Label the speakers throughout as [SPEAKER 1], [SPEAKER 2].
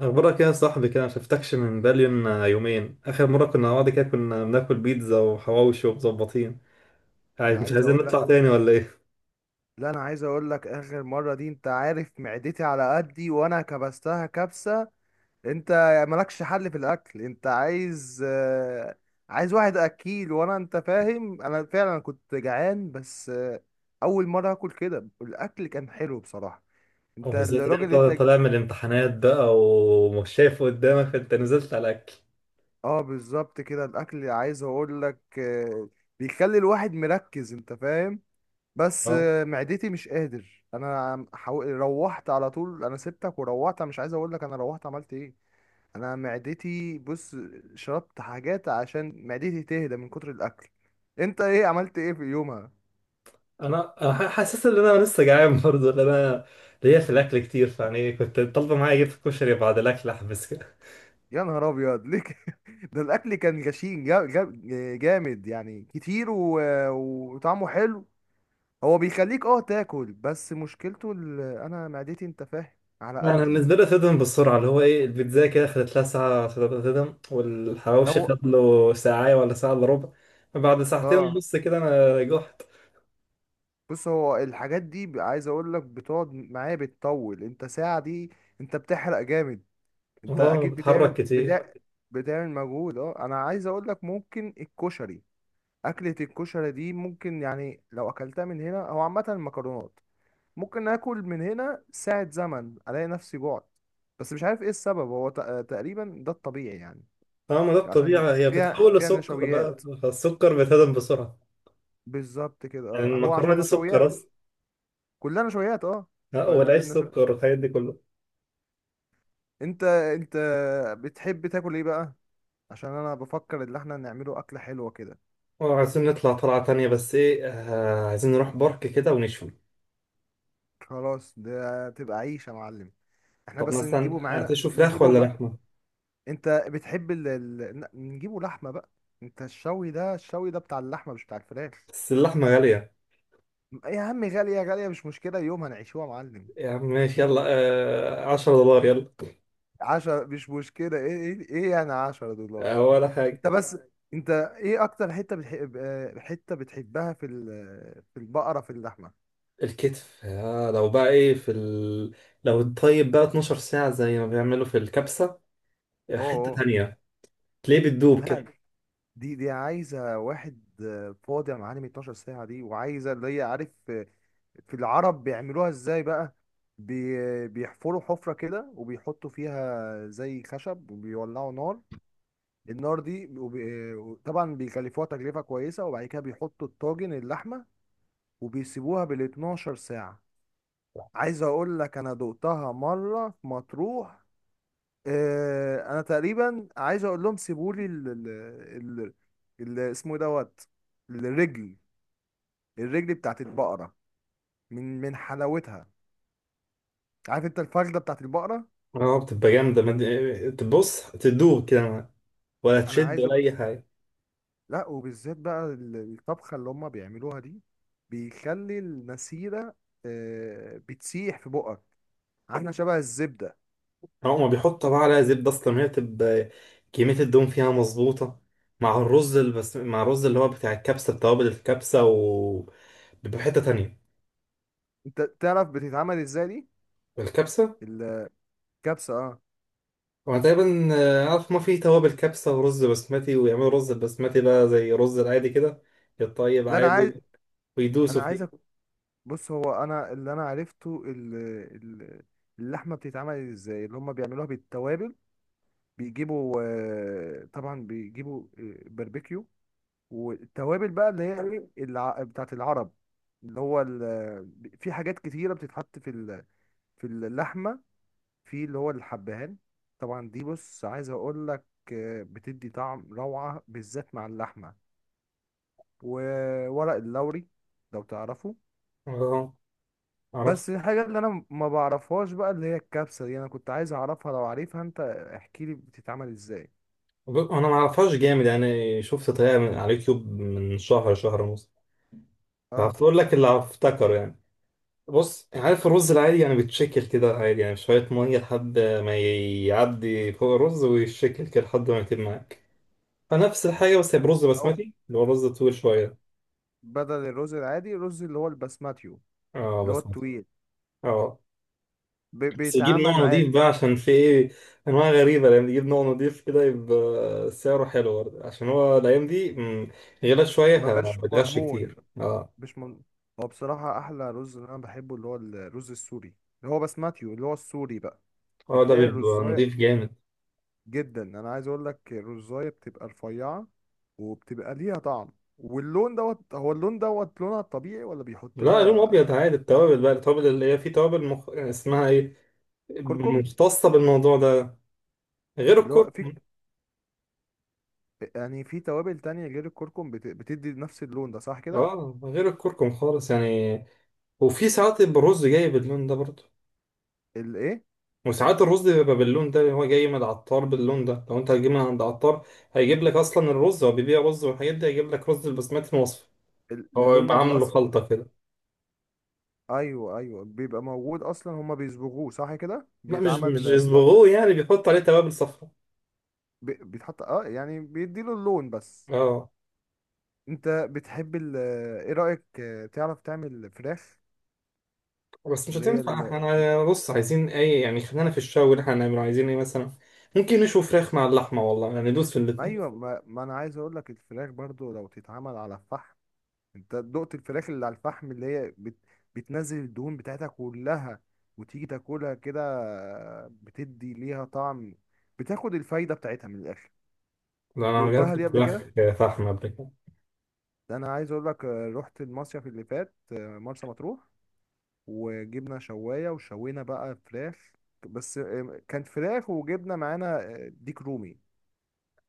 [SPEAKER 1] اخبارك يا صاحبي، كده ما شفتكش من بالين يومين. اخر مره كنا مع بعض كده كنا بناكل بيتزا وحواوشي ومظبطين. يعني
[SPEAKER 2] انا
[SPEAKER 1] مش
[SPEAKER 2] عايز
[SPEAKER 1] عايزين
[SPEAKER 2] اقول لك
[SPEAKER 1] نطلع تاني ولا ايه؟
[SPEAKER 2] لا انا عايز اقول لك. اخر مره دي، انت عارف معدتي على قدي وانا كبستها كبسه. انت مالكش حل في الاكل. انت عايز واحد اكيل، وانا انت فاهم، انا فعلا كنت جعان. بس اول مره اكل كده. الاكل كان حلو بصراحه. انت
[SPEAKER 1] وبالذات ان
[SPEAKER 2] الراجل
[SPEAKER 1] انت
[SPEAKER 2] اللي انت
[SPEAKER 1] طالع من الامتحانات بقى، ومش شايف قدامك فانت نزلت على الاكل.
[SPEAKER 2] اه بالظبط كده. الاكل، عايز اقول لك بيخلي الواحد مركز، انت فاهم. بس
[SPEAKER 1] اه،
[SPEAKER 2] معدتي مش قادر. انا روحت على طول، انا سبتك وروحت. أنا مش عايز اقول لك انا روحت عملت ايه. انا معدتي، بص، شربت حاجات عشان معدتي تهدى من كتر الاكل. انت ايه عملت ايه في يومها؟
[SPEAKER 1] انا حاسس ان انا لسه جعان برضه، لان انا ليا في الاكل كتير، فيعني كنت طالبه معايا اجيب كشري بعد الاكل احبس.
[SPEAKER 2] يا نهار ابيض، ليه كده؟ ده الاكل كان غشيم، جامد يعني كتير وطعمه حلو. هو بيخليك اه تاكل، بس مشكلته انا معدتي، انت فاهم، على
[SPEAKER 1] لا، انا
[SPEAKER 2] قدي.
[SPEAKER 1] بالنسبه لي تدم بالسرعه، اللي هو ايه، البيتزا كده خدت لها ساعه تدم، والحواوشي
[SPEAKER 2] هو
[SPEAKER 1] خد له ساعه ولا ساعه الا ربع. بعد ساعتين
[SPEAKER 2] اه
[SPEAKER 1] ونص كده انا جحت.
[SPEAKER 2] بص، هو الحاجات دي عايز اقول لك بتقعد معايا، بتطول انت ساعة دي. انت بتحرق جامد، انت
[SPEAKER 1] اه،
[SPEAKER 2] اكيد
[SPEAKER 1] بتحرك
[SPEAKER 2] بتعمل
[SPEAKER 1] كتير.
[SPEAKER 2] بتاع، بتعمل مجهود. اه، انا عايز اقول لك، ممكن الكشري، اكلة الكشري دي، ممكن يعني لو اكلتها من هنا او عامة المكرونات، ممكن اكل من هنا ساعة زمن الاقي نفسي جوعت. بس مش عارف ايه السبب. هو تقريبا ده الطبيعي يعني.
[SPEAKER 1] اه، ما ده
[SPEAKER 2] عشان
[SPEAKER 1] الطبيعه، هي
[SPEAKER 2] فيها
[SPEAKER 1] بتتحول
[SPEAKER 2] فيها
[SPEAKER 1] لسكر بقى،
[SPEAKER 2] نشويات.
[SPEAKER 1] فالسكر بيتهضم بسرعه.
[SPEAKER 2] بالظبط كده،
[SPEAKER 1] يعني
[SPEAKER 2] اه، هو
[SPEAKER 1] المكرونه
[SPEAKER 2] عشان
[SPEAKER 1] دي سكر
[SPEAKER 2] نشويات.
[SPEAKER 1] اصلا.
[SPEAKER 2] كلها نشويات اه.
[SPEAKER 1] آه، والعيش
[SPEAKER 2] فالنشويات،
[SPEAKER 1] سكر والحاجات دي كله.
[SPEAKER 2] انت بتحب تاكل ايه بقى؟ عشان انا بفكر ان احنا نعمله اكله حلوه كده.
[SPEAKER 1] اه، عايزين نطلع طلعه تانية، بس ايه، عايزين نروح بارك كده ونشوي.
[SPEAKER 2] خلاص، ده تبقى عيش يا معلم. احنا
[SPEAKER 1] طب
[SPEAKER 2] بس
[SPEAKER 1] مثلا
[SPEAKER 2] نجيبه معانا،
[SPEAKER 1] هتشوي فراخ
[SPEAKER 2] نجيبه
[SPEAKER 1] ولا
[SPEAKER 2] ما.
[SPEAKER 1] لحمه؟
[SPEAKER 2] انت بتحب نجيبه لحمه بقى. انت الشوي ده، الشوي ده بتاع اللحمه مش بتاع الفراخ.
[SPEAKER 1] بس اللحمه غاليه.
[SPEAKER 2] يا عم، غاليه غاليه مش مشكله، يوم هنعيشوها يا معلم.
[SPEAKER 1] يا عم ماشي يلا. آه، 10 دولار يلا.
[SPEAKER 2] 10 مش مشكله. ايه ايه ايه يعني 10 دولار.
[SPEAKER 1] ولا حاجة.
[SPEAKER 2] انت بس، انت ايه اكتر حته بتحب؟ حته بتحبها في في البقره، في اللحمه.
[SPEAKER 1] الكتف، لو بقى ايه في لو الطيب بقى 12 ساعة زي ما بيعملوا في الكبسة. آه،
[SPEAKER 2] اوه
[SPEAKER 1] حتة
[SPEAKER 2] اوه.
[SPEAKER 1] تانية. تلاقيه بتدوب كده.
[SPEAKER 2] لا، دي عايزة واحد فاضي يا معلم. 12 ساعة دي، وعايزة اللي هي عارف في العرب بيعملوها ازاي بقى. بيحفروا حفرة كده، وبيحطوا فيها زي خشب، وبيولعوا نار. النار دي طبعا بيكلفوها تكلفة كويسة، وبعد كده بيحطوا الطاجن اللحمة، وبيسيبوها بال 12 ساعة. عايز اقول لك، انا دقتها مرة في مطروح. انا تقريبا عايز اقول لهم سيبوا لي ال اسمه إيه دوت، الرجل، الرجل بتاعت البقره. من حلاوتها. عارف انت الفخده بتاعت البقره.
[SPEAKER 1] اه، بتبقى جامدة، تبص تدوب كده معاك. ولا
[SPEAKER 2] انا
[SPEAKER 1] تشد
[SPEAKER 2] عايز
[SPEAKER 1] ولا
[SPEAKER 2] اقول،
[SPEAKER 1] أي حاجة.
[SPEAKER 2] لا، وبالذات بقى الطبخه اللي هم بيعملوها دي، بيخلي المسيره بتسيح في بقك، عامله شبه الزبده.
[SPEAKER 1] آه، هما بيحطوا بقى عليها زبدة، أصلا هي بتبقى كمية الدهون فيها مظبوطة، مع الرز مع الرز اللي هو بتاع الكبسة بتوابل الكبسة، و بيبقى حتة تانية.
[SPEAKER 2] انت تعرف بتتعمل ازاي دي؟
[SPEAKER 1] الكبسة.
[SPEAKER 2] الكبسه اه.
[SPEAKER 1] هو تقريبا عارف ما في توابل كبسة ورز بسمتي، ويعملوا رز البسمتي ده زي رز العادي كده، يتطيب
[SPEAKER 2] لا انا عايز
[SPEAKER 1] عادي ويدوسوا
[SPEAKER 2] انا عايز
[SPEAKER 1] فيه.
[SPEAKER 2] بص، هو انا اللي انا عرفته ال- اللحمه بتتعمل ازاي اللي هم بيعملوها بالتوابل. بيجيبوا طبعا بيجيبوا باربيكيو، والتوابل بقى اللي هي، ايه بتاعت العرب، اللي هو في حاجات كتيره بتتحط في في اللحمه، في اللي هو الحبهان. طبعا دي بص، عايز اقول لك، بتدي طعم روعه بالذات مع اللحمه. وورق اللوري، لو تعرفه.
[SPEAKER 1] اه، اعرف.
[SPEAKER 2] بس الحاجة اللي انا ما بعرفهاش بقى، اللي هي الكبسة دي، انا كنت عايز اعرفها. لو عارفها انت، احكي لي بتتعمل ازاي.
[SPEAKER 1] انا ما اعرفهاش جامد يعني، شفت طريقة من على اليوتيوب من شهر شهر ونص،
[SPEAKER 2] اه،
[SPEAKER 1] فهقول لك اللي افتكره يعني. بص، عارف الرز العادي يعني بيتشكل كده عادي، يعني شوية مية لحد ما يعدي فوق الرز ويتشكل كده لحد ما يتم معاك. فنفس الحاجة، بس هي برز
[SPEAKER 2] او
[SPEAKER 1] بسمتي اللي هو رز طويل شوية.
[SPEAKER 2] بدل الرز العادي، الرز اللي هو البسماتيو،
[SPEAKER 1] اه،
[SPEAKER 2] اللي هو
[SPEAKER 1] بسمتي.
[SPEAKER 2] الطويل،
[SPEAKER 1] اه. بس يجيب نوع
[SPEAKER 2] بيتعمل
[SPEAKER 1] نضيف
[SPEAKER 2] عادي.
[SPEAKER 1] بقى، عشان في ايه انواع غريبه. لما يجيب نوع نضيف كده يبقى سعره حلو برضه، عشان هو الايام دي غلا شويه،
[SPEAKER 2] ما بقاش
[SPEAKER 1] بتغش
[SPEAKER 2] مضمون،
[SPEAKER 1] كتير، اه.
[SPEAKER 2] مش مضمون. هو بصراحة احلى رز اللي انا بحبه، اللي هو الرز السوري، اللي هو بسماتيو، اللي هو السوري بقى.
[SPEAKER 1] اه، ده
[SPEAKER 2] بتلاقي
[SPEAKER 1] بيبقى
[SPEAKER 2] الرزاية
[SPEAKER 1] نضيف جامد.
[SPEAKER 2] جدا، انا عايز اقول لك الرزاية بتبقى رفيعة، وبتبقى ليها طعم. واللون دوت، هو اللون دوت لونها الطبيعي، ولا بيحط
[SPEAKER 1] لا، لون ابيض
[SPEAKER 2] لها
[SPEAKER 1] عادي. التوابل بقى، التوابل اللي هي، في توابل اسمها ايه،
[SPEAKER 2] كركم؟
[SPEAKER 1] مختصه بالموضوع ده. غير
[SPEAKER 2] اللي هو في،
[SPEAKER 1] الكركم.
[SPEAKER 2] يعني في توابل تانية غير الكركم، بتدي نفس اللون ده، صح كده؟
[SPEAKER 1] اه، غير الكركم خالص يعني. وفي ساعات يبقى الرز جاي باللون ده برضه.
[SPEAKER 2] الايه،
[SPEAKER 1] وساعات الرز بيبقى باللون ده، هو جاي من العطار باللون ده. لو انت هتجيب من عند عطار هيجيب لك اصلا الرز، هو بيبيع رز والحاجات دي، هيجيب لك رز البسمتي المصفى. هو
[SPEAKER 2] اللون
[SPEAKER 1] يبقى عامله
[SPEAKER 2] الاصفر؟
[SPEAKER 1] خلطة كده.
[SPEAKER 2] ايوه ايوه، بيبقى موجود اصلا، هما بيصبغوه صح كده،
[SPEAKER 1] لا، مش
[SPEAKER 2] بيتعمل،
[SPEAKER 1] يصبغوه، يعني بيحط عليه توابل صفراء.
[SPEAKER 2] بيتحط، اه يعني بيديله اللون بس.
[SPEAKER 1] اه.
[SPEAKER 2] انت بتحب ايه رأيك تعرف تعمل فراخ
[SPEAKER 1] بس مش
[SPEAKER 2] اللي هي
[SPEAKER 1] هتنفع
[SPEAKER 2] ال...
[SPEAKER 1] احنا، بص عايزين اي يعني، خلينا في الشاوي اللي احنا هنعمله، عايزين ايه مثلا؟ ممكن نشوي فراخ مع اللحمة والله، يعني ندوس في الاتنين.
[SPEAKER 2] ايوه، ما انا عايز اقول لك، الفراخ برضو لو تتعمل على الفحم. انت دقت الفراخ اللي على الفحم، اللي هي بتنزل الدهون بتاعتها كلها، وتيجي تاكلها كده، بتدي ليها طعم، بتاخد الفايدة بتاعتها من الآخر.
[SPEAKER 1] لا، انا
[SPEAKER 2] دقتها
[SPEAKER 1] جربت
[SPEAKER 2] دي قبل
[SPEAKER 1] الفراخ
[SPEAKER 2] كده؟
[SPEAKER 1] فحمة قبل كده.
[SPEAKER 2] ده انا عايز اقول لك، رحت المصيف اللي فات، مرسى مطروح، وجبنا شواية وشوينا بقى فراخ. بس كانت فراخ وجبنا معانا ديك رومي،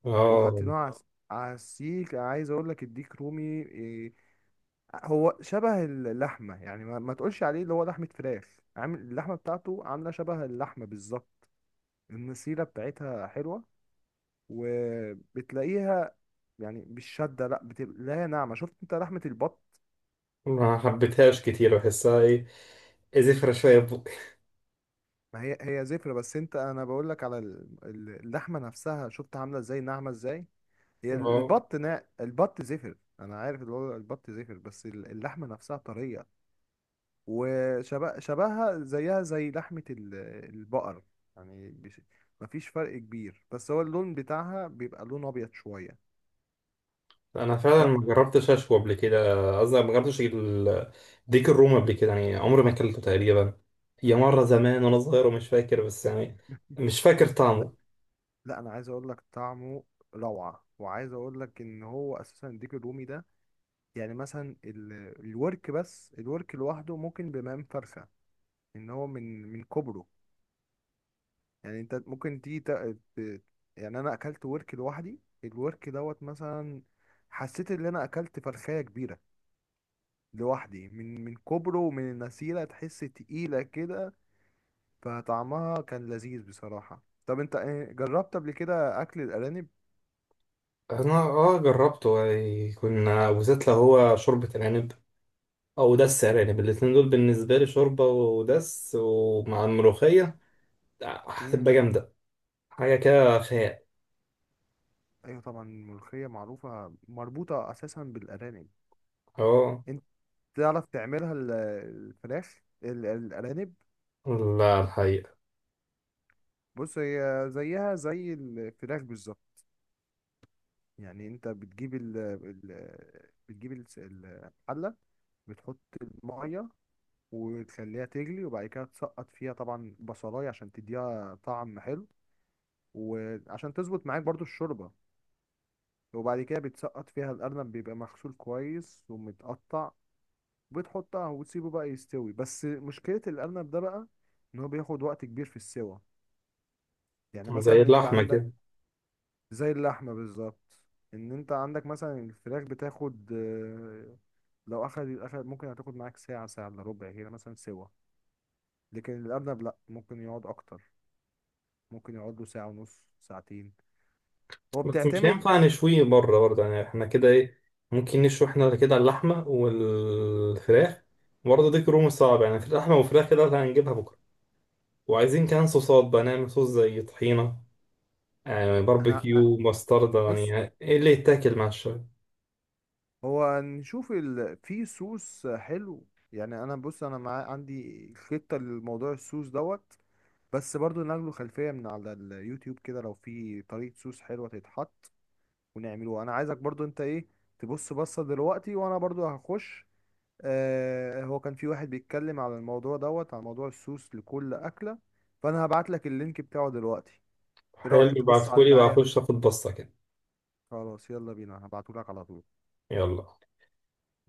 [SPEAKER 1] اه،
[SPEAKER 2] وحطيناها على، اه على السيخ. عايز اقول لك الديك رومي، آه، هو شبه اللحمة يعني، ما تقولش عليه اللي هو لحمة فراخ. عامل اللحمة بتاعته، عاملة شبه اللحمة بالظبط. النسيرة بتاعتها حلوة، وبتلاقيها يعني مش شادة، لا بتلاقيها ناعمة. شفت انت لحمة البط؟
[SPEAKER 1] ما حبيتهاش كتير، بحسها ايه، زفرة شوية في بقي.
[SPEAKER 2] ما هي هي زفرة، بس انت، انا بقول لك على اللحمة نفسها، شفت عاملة ازاي ناعمة ازاي. هي
[SPEAKER 1] اه،
[SPEAKER 2] البط، نا البط زفر، انا عارف اللي هو البط زفر، بس اللحمة نفسها طرية. شبهها زيها زي لحمة البقر يعني، مفيش فرق كبير، بس هو اللون بتاعها بيبقى لون أبيض شوية.
[SPEAKER 1] انا فعلا
[SPEAKER 2] لا.
[SPEAKER 1] ما جربتش اشوي قبل كده، قصدي ما جربتش ديك الروم قبل كده، يعني عمري ما اكلته تقريبا. هي مره زمان وانا صغير ومش فاكر، بس يعني مش فاكر
[SPEAKER 2] لا
[SPEAKER 1] طعمه.
[SPEAKER 2] لا أنا عايز أقول لك، طعمه روعة. وعايز أقول لك إن هو أساسا الديك الرومي ده، يعني مثلا الورك، بس الورك لوحده ممكن بمقام فرخة، إن هو من كبره. يعني أنت ممكن تيجي يعني أنا أكلت ورك لوحدي، الورك دوت مثلا، حسيت إن أنا أكلت فرخاية كبيرة لوحدي، من كوبرو ومن النسيرة، تحس تقيلة كده. فطعمها كان لذيذ بصراحة. طب انت ايه، جربت قبل كده اكل الارانب؟
[SPEAKER 1] انا جربته يعني، كنا بالذات لو هو شوربه العنب او دس ارانب، الاتنين دول بالنسبه لي شوربه ودس، ومع الملوخيه
[SPEAKER 2] مم.
[SPEAKER 1] هتبقى جامده، حاجه كده خيال.
[SPEAKER 2] ايوه طبعا، الملوخية معروفة مربوطة اساسا بالارانب.
[SPEAKER 1] اه،
[SPEAKER 2] انت تعرف تعملها الفراخ، الارانب؟
[SPEAKER 1] لا الحقيقه.
[SPEAKER 2] بص، هي زيها زي الفراخ بالظبط. يعني انت بتجيب بتجيب الحلة، بتحط المية وتخليها تجلي، وبعد كده تسقط فيها طبعا بصلاية عشان تديها طعم حلو، وعشان تظبط معاك برضو الشوربة. وبعد كده بتسقط فيها الأرنب، بيبقى مغسول كويس ومتقطع. بتحطها وتسيبه بقى يستوي. بس مشكلة الأرنب ده بقى، إن هو بياخد وقت كبير في السوى. يعني مثلا
[SPEAKER 1] زي
[SPEAKER 2] أنت
[SPEAKER 1] اللحمه
[SPEAKER 2] عندك،
[SPEAKER 1] كده.
[SPEAKER 2] زي اللحمة بالظبط، إن أنت عندك مثلا الفراخ بتاخد لو أخد ممكن هتاخد معاك ساعة، ساعة إلا ربع كده مثلا سوا. لكن الأرنب لأ، ممكن يقعد أكتر، ممكن يقعد له ساعة ونص، ساعتين. هو
[SPEAKER 1] بس مش
[SPEAKER 2] بتعتمد.
[SPEAKER 1] هينفع نشويه بره برضه يعني، احنا كده ايه، ممكن نشوي احنا كده اللحمة والفراخ برضه. دي كروم صعب يعني في اللحمة والفراخ كده اللي هنجيبها بكرة، وعايزين كمان صوصات بقى، نعمل صوص زي طحينة،
[SPEAKER 2] انا،
[SPEAKER 1] باربيكيو، مستردة،
[SPEAKER 2] بص،
[SPEAKER 1] يعني ايه اللي يتاكل مع الشاي.
[SPEAKER 2] هو نشوف في سوس حلو. يعني انا بص، انا عندي خطة لموضوع السوس دوت، بس برضو ناخده خلفية من على اليوتيوب كده، لو في طريقة سوس حلوة تتحط ونعمله. انا عايزك برضو انت ايه، تبص بصة دلوقتي، وانا برضو هخش. آه هو كان في واحد بيتكلم على الموضوع دوت، على موضوع السوس لكل أكلة، فانا هبعت لك اللينك بتاعه دلوقتي. ايه رأيك
[SPEAKER 1] حلو،
[SPEAKER 2] تبص عليه
[SPEAKER 1] ابعتهولي
[SPEAKER 2] معايا؟
[SPEAKER 1] وهخش اخد بصة كده.
[SPEAKER 2] خلاص، يلا بينا، هبعتهولك على طول.
[SPEAKER 1] يلا.